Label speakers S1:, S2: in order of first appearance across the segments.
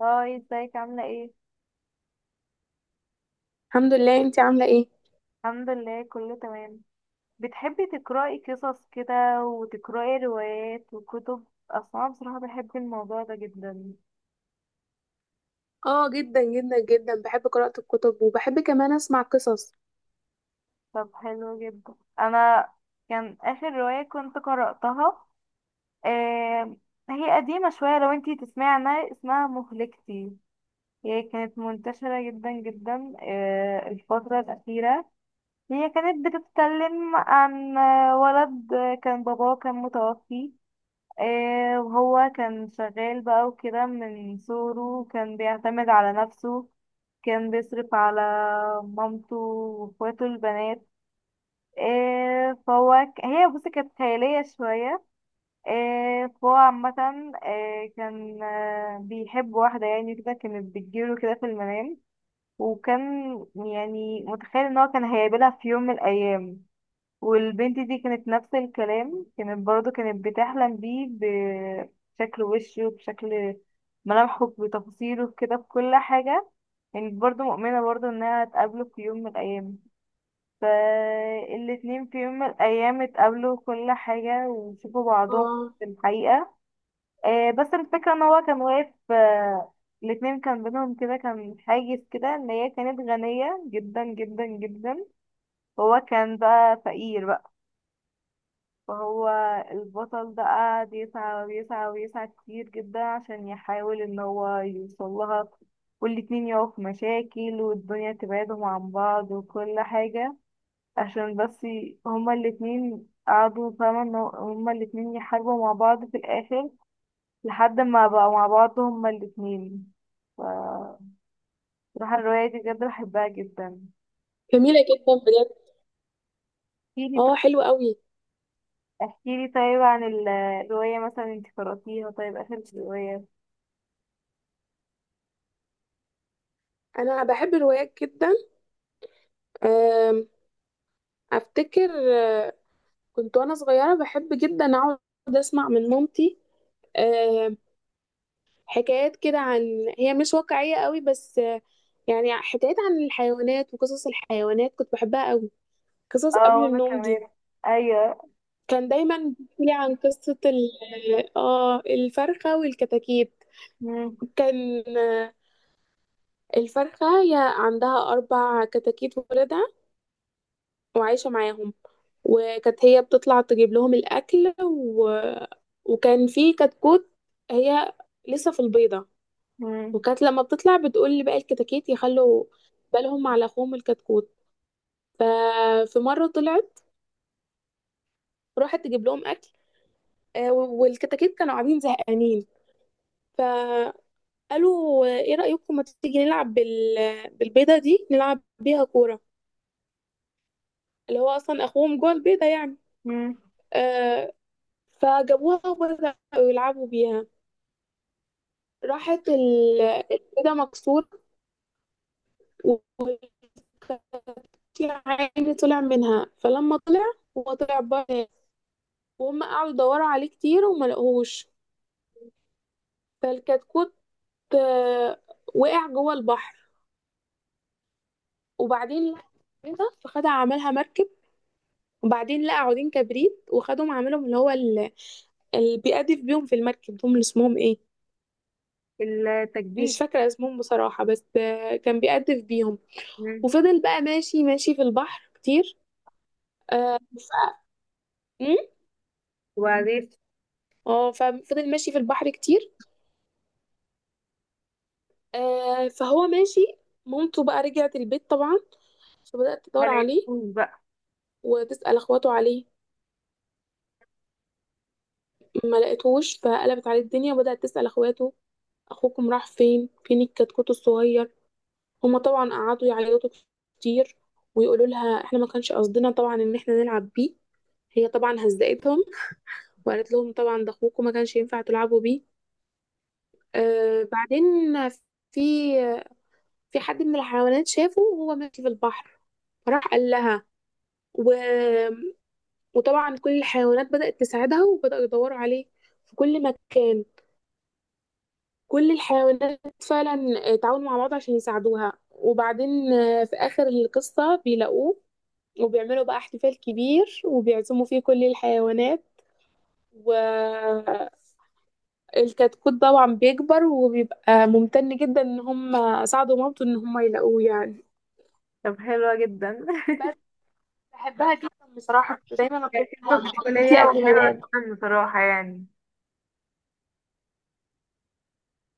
S1: هاي، ازيك؟ عاملة ايه؟
S2: الحمد لله، انتي عاملة ايه؟
S1: الحمد لله كله تمام. بتحبي تقرأي قصص كده وتقرأي روايات وكتب؟ اصلا بصراحة بحب الموضوع ده جدا.
S2: اه جدا جدا جدا بحب قراءة الكتب وبحب كمان اسمع قصص.
S1: طب حلو جدا. انا كان اخر رواية كنت قرأتها، آه هي قديمة شوية، لو انتي تسمعي عنها، اسمها مهلكتي. هي كانت منتشرة جدا جدا الفترة الأخيرة. هي كانت بتتكلم عن ولد كان باباه كان متوفي. وهو كان شغال بقى وكده، من صغره كان بيعتمد على نفسه. كان بيصرف على مامته واخواته البنات. هي بصي كانت خيالية شوية. فهو عامة، كان بيحب واحدة يعني كده، كانت بتجيله كده في المنام، وكان يعني متخيل ان هو كان هيقابلها في يوم من الأيام. والبنت دي كانت نفس الكلام، كانت برضو كانت بتحلم بيه، بشكل وشه، بشكل ملامحه، بتفاصيله كده بكل حاجة. كانت برضو مؤمنة برضو انها هتقابله في يوم من الأيام. فالاتنين في يوم من الأيام اتقابلوا كل حاجة وشوفوا بعضهم
S2: اه
S1: في الحقيقة. بس الفكرة ان هو كان واقف، الاتنين كان بينهم كده كان حاجز كده، ان هي كانت غنية جدا جدا جدا وهو كان بقى فقير بقى. فهو البطل ده قعد يسعى ويسعى ويسعى كتير جدا عشان يحاول ان هو يوصل لها، والاتنين يقعوا في مشاكل والدنيا تبعدهم عن بعض وكل حاجة، عشان بس هما الاتنين قعدوا فاهمة هما الاتنين يحاربوا مع بعض في الآخر، لحد ما بقوا مع بعض هما الاتنين. ف- بصراحة الرواية دي بجد بحبها جدا.
S2: جميلة جدا بجد.
S1: احكيلي
S2: اه
S1: طيب.
S2: حلوة قوي.
S1: احكيلي طيب عن الرواية، مثلا انت قرأتيها طيب آخر رواية؟
S2: انا بحب الروايات جدا. آم، افتكر كنت وانا صغيرة بحب جدا اقعد اسمع من مامتي. آم، حكايات كده عن، هي مش واقعية قوي بس، يعني حكايات عن الحيوانات وقصص الحيوانات كنت بحبها قوي، قصص
S1: اه،
S2: قبل
S1: وانا
S2: النوم دي.
S1: كمان. ايوه.
S2: كان دايما بيحكي لي عن قصة ال اه الفرخة والكتاكيت.
S1: مم.
S2: كان، الفرخة هي عندها أربع كتاكيت ولادها وعايشة معاهم، وكانت هي بتطلع تجيب لهم الأكل وكان في كتكوت هي لسه في البيضة،
S1: مم.
S2: وكانت لما بتطلع بتقول لباقي الكتاكيت يخلوا بالهم على أخوهم الكتكوت. ففي مرة طلعت راحت تجيب لهم أكل، والكتاكيت كانوا قاعدين زهقانين، قالوا ايه رأيكم ما تيجي نلعب بالبيضة دي، نلعب بيها كورة، اللي هو اصلا اخوهم جوه البيضة يعني.
S1: مم.
S2: آه فجابوها وبدأوا يلعبوا بيها، راحت البيضة مكسورة، وكان في عين طلع منها، فلما طلع هو طلع بره، وهم قعدوا يدوروا عليه كتير وما لقوهوش. فالكتكوت آه وقع جوه البحر، وبعدين لقى البيضة فخدها عملها مركب، وبعدين لقى عودين كبريت وخدهم عملهم اللي هو اللي بيقدف بيهم في المركب، دول اللي اسمهم ايه؟ مش
S1: التجديد.
S2: فاكرة اسمهم بصراحة، بس، كان بيقدف بيهم،
S1: مم.
S2: وفضل بقى ماشي ماشي في البحر كتير. آه، مم؟
S1: وبعدين؟
S2: اه ففضل ماشي في البحر كتير. فهو ماشي، مامته بقى رجعت البيت طبعا، فبدأت
S1: ما
S2: تدور عليه
S1: لقيتهوش بقى.
S2: وتسأل اخواته عليه، ما لقيتهوش فقلبت عليه الدنيا وبدأت تسأل اخواته اخوكم راح فين، فين الكتكوت الصغير. هما طبعا قعدوا يعيطوا كتير ويقولوا لها احنا ما كانش قصدنا طبعا ان احنا نلعب بيه. هي طبعا هزقتهم وقالت لهم طبعا ده اخوكم، ما كانش ينفع تلعبوا بيه. بعدين في، في حد من الحيوانات شافه وهو ماشي في البحر، فراح قال لها، و... وطبعا كل الحيوانات بدأت تساعدها وبدأوا يدوروا عليه في كل مكان. كل الحيوانات فعلا تعاونوا مع بعض عشان يساعدوها، وبعدين، في آخر القصة بيلاقوه، وبيعملوا بقى احتفال كبير وبيعزموا فيه كل الحيوانات، والكتكوت طبعا بيكبر وبيبقى ممتن جدا ان هم ساعدوا مامته ان هم يلاقوه يعني.
S1: طب حلوة جدا.
S2: بس بحبها جدا بصراحة، كنت دايما
S1: كانت
S2: اطلبها
S1: قصة
S2: من والدتي
S1: طفولية
S2: قبل ما
S1: وحلوة
S2: انام.
S1: جدا بصراحة يعني.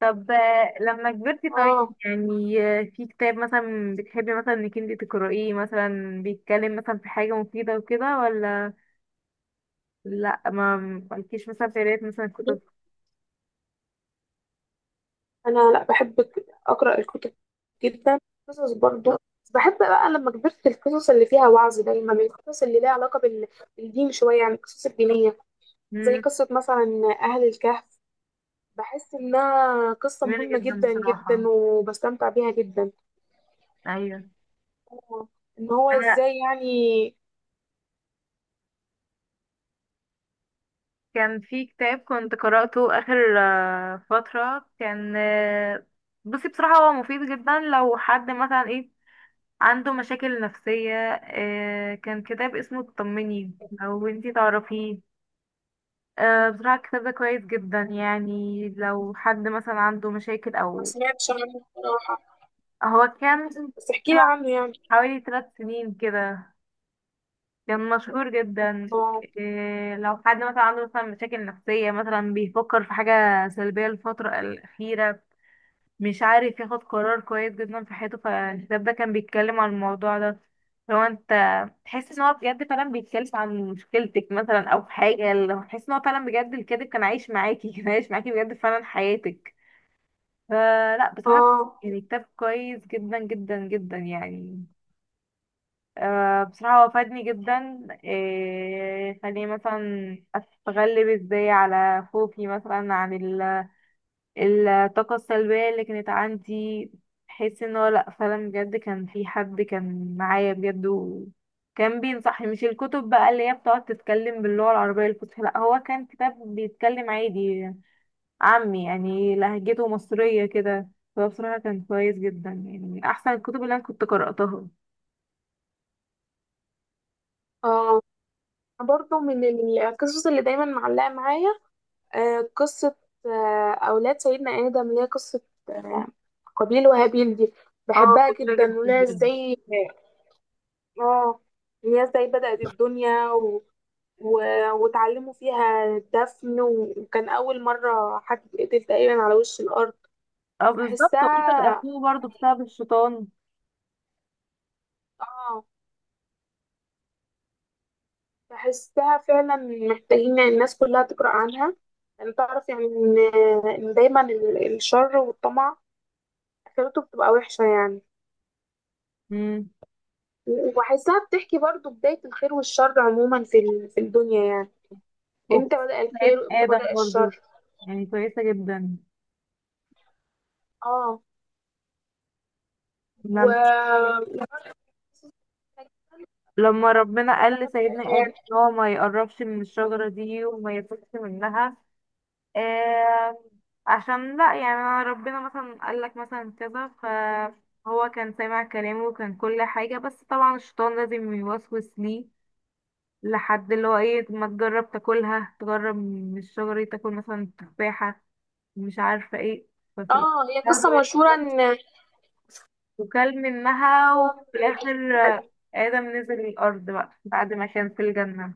S1: طب لما كبرتي طيب،
S2: اه
S1: يعني في كتاب مثلا بتحبي مثلا انك انتي تقرأيه، مثلا بيتكلم مثلا في حاجة مفيدة وكده، ولا لا، ما مالكيش مثلا في قراية مثلا كتب؟
S2: انا لا بحب اقرا الكتب جدا، قصص برضه، بس بحب بقى لما كبرت القصص اللي فيها وعظ، دايما القصص اللي ليها علاقة بالدين شوية، يعني القصص الدينية، زي
S1: مم.
S2: قصة مثلا أهل الكهف. بحس انها قصة
S1: جميلة
S2: مهمة
S1: جدا
S2: جدا
S1: بصراحة.
S2: جدا وبستمتع بيها جدا.
S1: ايوه.
S2: هو- ان هو
S1: انا
S2: ازاي يعني.
S1: كان في كتاب كنت قرأته آخر فترة، كان بصي بصراحة هو مفيد جدا لو حد مثلا ايه، عنده مشاكل نفسية. كان كتاب اسمه اطمني، لو انتي تعرفيه. بصراحة الكتاب ده كويس جدا يعني، لو حد مثلا عنده مشاكل
S2: ما
S1: او.
S2: سمعتش عنه بصراحة،
S1: هو كان
S2: بس احكيلي
S1: طلع
S2: عنه يعني.
S1: حوالي 3 سنين كده، كان مشهور جدا.
S2: اه.
S1: إيه، لو حد مثلا عنده مثلا مشاكل نفسية، مثلا بيفكر في حاجة سلبية الفترة الأخيرة، مش عارف ياخد قرار كويس جدا في حياته، فالكتاب ده كان بيتكلم عن الموضوع ده. لو انت تحس ان هو بجد فعلا بيتكلم عن مشكلتك مثلا او حاجة، لو تحس ان هو فعلا بجد الكاتب كان عايش معاكي، كان عايش معاكي بجد فعلا حياتك. فلا بصراحة
S2: اه.
S1: يعني كتاب كويس جدا جدا جدا يعني. بصراحة هو فادني جدا، خليني مثلا أتغلب ازاي على خوفي مثلا، عن الطاقة السلبية اللي كانت عندي. بحس ان هو لأ فعلا بجد كان في حد كان معايا بجد وكان بينصحني، مش الكتب بقى اللي هي بتقعد تتكلم باللغة العربية الفصحى، لأ هو كان كتاب بيتكلم عادي عامي، يعني لهجته مصرية كده. فهو بصراحة كان كويس جدا، يعني من أحسن الكتب اللي أنا كنت قرأتها.
S2: اه برضه من القصص اللي دايما معلقة معايا، قصة، أولاد سيدنا آدم اللي هي قصة، آه قابيل وهابيل دي،
S1: اه.
S2: بحبها
S1: جميلة جدا
S2: جدا وليها
S1: بجد.
S2: ازاي. اه إن هي ازاي بدأت الدنيا واتعلموا فيها دفن، وكان أول مرة حد يتقتل تقريبا على وش الأرض.
S1: اه بالظبط، وقتل
S2: بحسها،
S1: أخوه برضه بسبب الشيطان.
S2: اه بحسها فعلا محتاجين الناس كلها تقرأ عنها، يعني تعرف يعني إن، إن دايما الشر والطمع آخرته بتبقى وحشة يعني.
S1: مم.
S2: وبحسها بتحكي برضو بداية الخير والشر عموما في الدنيا يعني،
S1: وكنت،
S2: امتى بدأ الخير
S1: سيدنا
S2: وامتى
S1: آدم
S2: بدأ
S1: برضه
S2: الشر.
S1: يعني كويسة جدا.
S2: اه و
S1: لما ربنا قال لسيدنا آدم ان هو ما يقربش من الشجرة دي وما ياكلش منها، آه عشان لا، يعني ربنا مثلا قال لك مثلا كذا فهو كان سامع كلامه وكان كل حاجة، بس طبعا الشيطان لازم يوسوس ليه، لحد اللي هو ايه، ما تجرب تاكلها، تجرب من الشجرة دي، تاكل مثلا تفاحة، مش عارفة ايه. ففي
S2: اه هي قصة
S1: الآخر
S2: مشهورة ان،
S1: وكل منها، وفي
S2: اه
S1: الآخر آدم نزل الأرض بقى بعد ما كان في الجنة.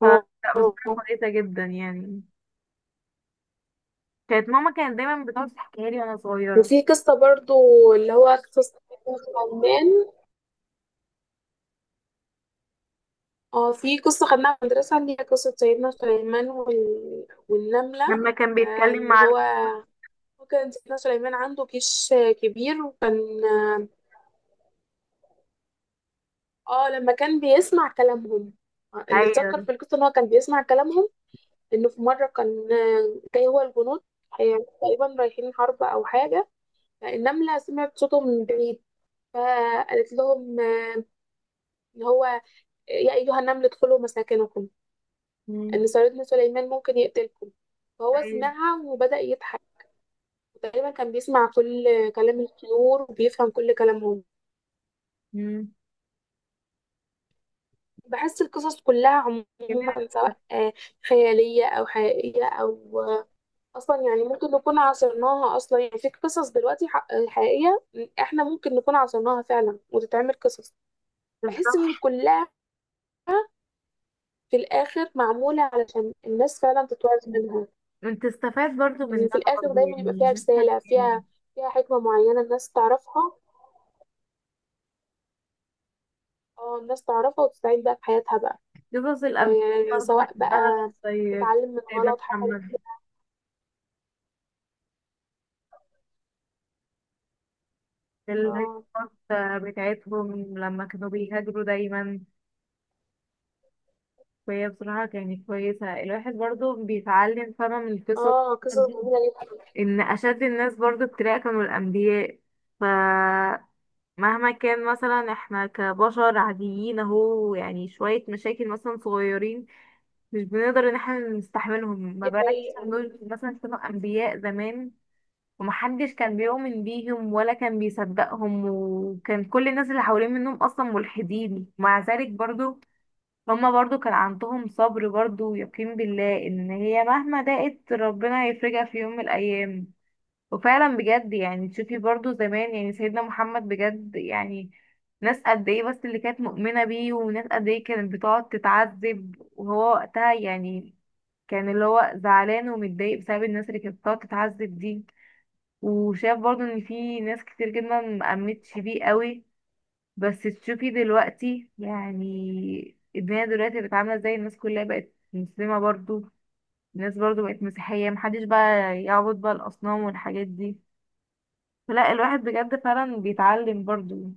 S1: ف
S2: آه.
S1: لا بصراحة كويسة جدا يعني. كانت ماما كانت دايما بتقعد تحكيها لي وانا صغيرة.
S2: وفي قصة برضو اللي هو قصة سيدنا سليمان. اه في قصة خدناها في المدرسة اللي هي قصة سيدنا سليمان والنملة.
S1: لما كان بيتكلم
S2: اللي
S1: مع
S2: هو، هو كان سيدنا سليمان عنده جيش، كبير، وكان اه، لما كان بيسمع كلامهم، اللي اتذكر
S1: المحايل.
S2: في القصة ان هو كان بيسمع كلامهم، انه في مرة كان، جاي هو الجنود، تقريبا رايحين حرب او حاجة، النملة سمعت صوتهم من بعيد، فقالت لهم، اللي هو، يا أيها النمل ادخلوا مساكنكم،
S1: مم.
S2: إن صيادين سليمان ممكن يقتلكم، فهو
S1: أيوة.
S2: سمعها وبدأ يضحك. تقريبا كان بيسمع كل كلام الطيور وبيفهم كل كلامهم.
S1: مم.
S2: بحس القصص كلها
S1: جميلة.
S2: عموما، سواء خيالية أو حقيقية أو، أصلا يعني ممكن نكون عاصرناها، أصلا يعني في قصص دلوقتي حقيقية إحنا ممكن نكون عاصرناها فعلا وتتعمل قصص، بحس
S1: بالظبط،
S2: إن كلها في الآخر معمولة علشان الناس فعلا تتوعظ منها.
S1: انت استفاد برضو
S2: ان في
S1: منها
S2: الاخر
S1: برضو
S2: دايما يبقى
S1: يعني
S2: فيها
S1: جدا
S2: رساله،
S1: يعني.
S2: فيها، فيها حكمه معينه الناس تعرفها. اه الناس تعرفها وتستعين بقى في حياتها بقى.
S1: قصص الأمثال برضو
S2: سواء بقى
S1: بحبها، زي
S2: تتعلم من
S1: سيدنا
S2: غلط حصل
S1: محمد،
S2: فيها. اه.
S1: القصص بتاعتهم لما كانوا بيهاجروا دايما. وهي بصراحة كانت كويسة، الواحد برضو بيتعلم فما من القصص،
S2: اه قصص جميله جدا.
S1: ان اشد الناس برضو ابتلاء كانوا الانبياء. فمهما كان مثلا احنا كبشر عاديين اهو يعني شوية مشاكل مثلا صغيرين مش بنقدر ان احنا نستحملهم، ما
S2: دي
S1: بالك
S2: حقيقه.
S1: مثلا دول مثلا كانوا انبياء زمان، ومحدش كان بيؤمن بيهم ولا كان بيصدقهم، وكان كل الناس اللي حوالين منهم اصلا ملحدين. مع ذلك برضو هما برضو كان عندهم صبر برضو ويقين بالله ان هي مهما ضاقت ربنا هيفرجها في يوم من الايام. وفعلا بجد يعني تشوفي برضو زمان يعني سيدنا محمد بجد يعني ناس قد ايه بس اللي كانت مؤمنة بيه، وناس قد ايه كانت بتقعد تتعذب، وهو وقتها يعني كان اللي هو زعلان ومتضايق بسبب الناس اللي كانت بتقعد تتعذب دي. وشاف برضو ان في ناس كتير جدا مأمنتش بيه قوي. بس تشوفي دلوقتي يعني الدنيا دلوقتي بقت عاملة ازاي، الناس كلها بقت مسلمة برضو، الناس برضو بقت مسيحية، محدش بقى يعبد بقى الأصنام والحاجات دي. لا الواحد بجد فعلا بيتعلم برضو.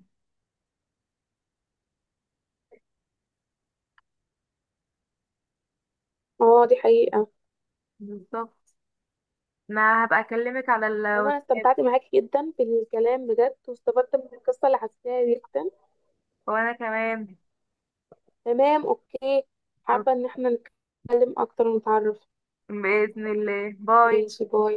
S2: اه دي حقيقه.
S1: بالظبط. انا هبقى اكلمك على
S2: عموما أنا
S1: الواتساب.
S2: استمتعت معاكي جدا بالكلام بجد، واستفدت من القصه اللي حكيتها جدا.
S1: وانا كمان.
S2: تمام اوكي، حابه
S1: أوك-
S2: ان احنا نتكلم اكتر ونتعرف.
S1: بإذن الله، باي.
S2: ماشي باي.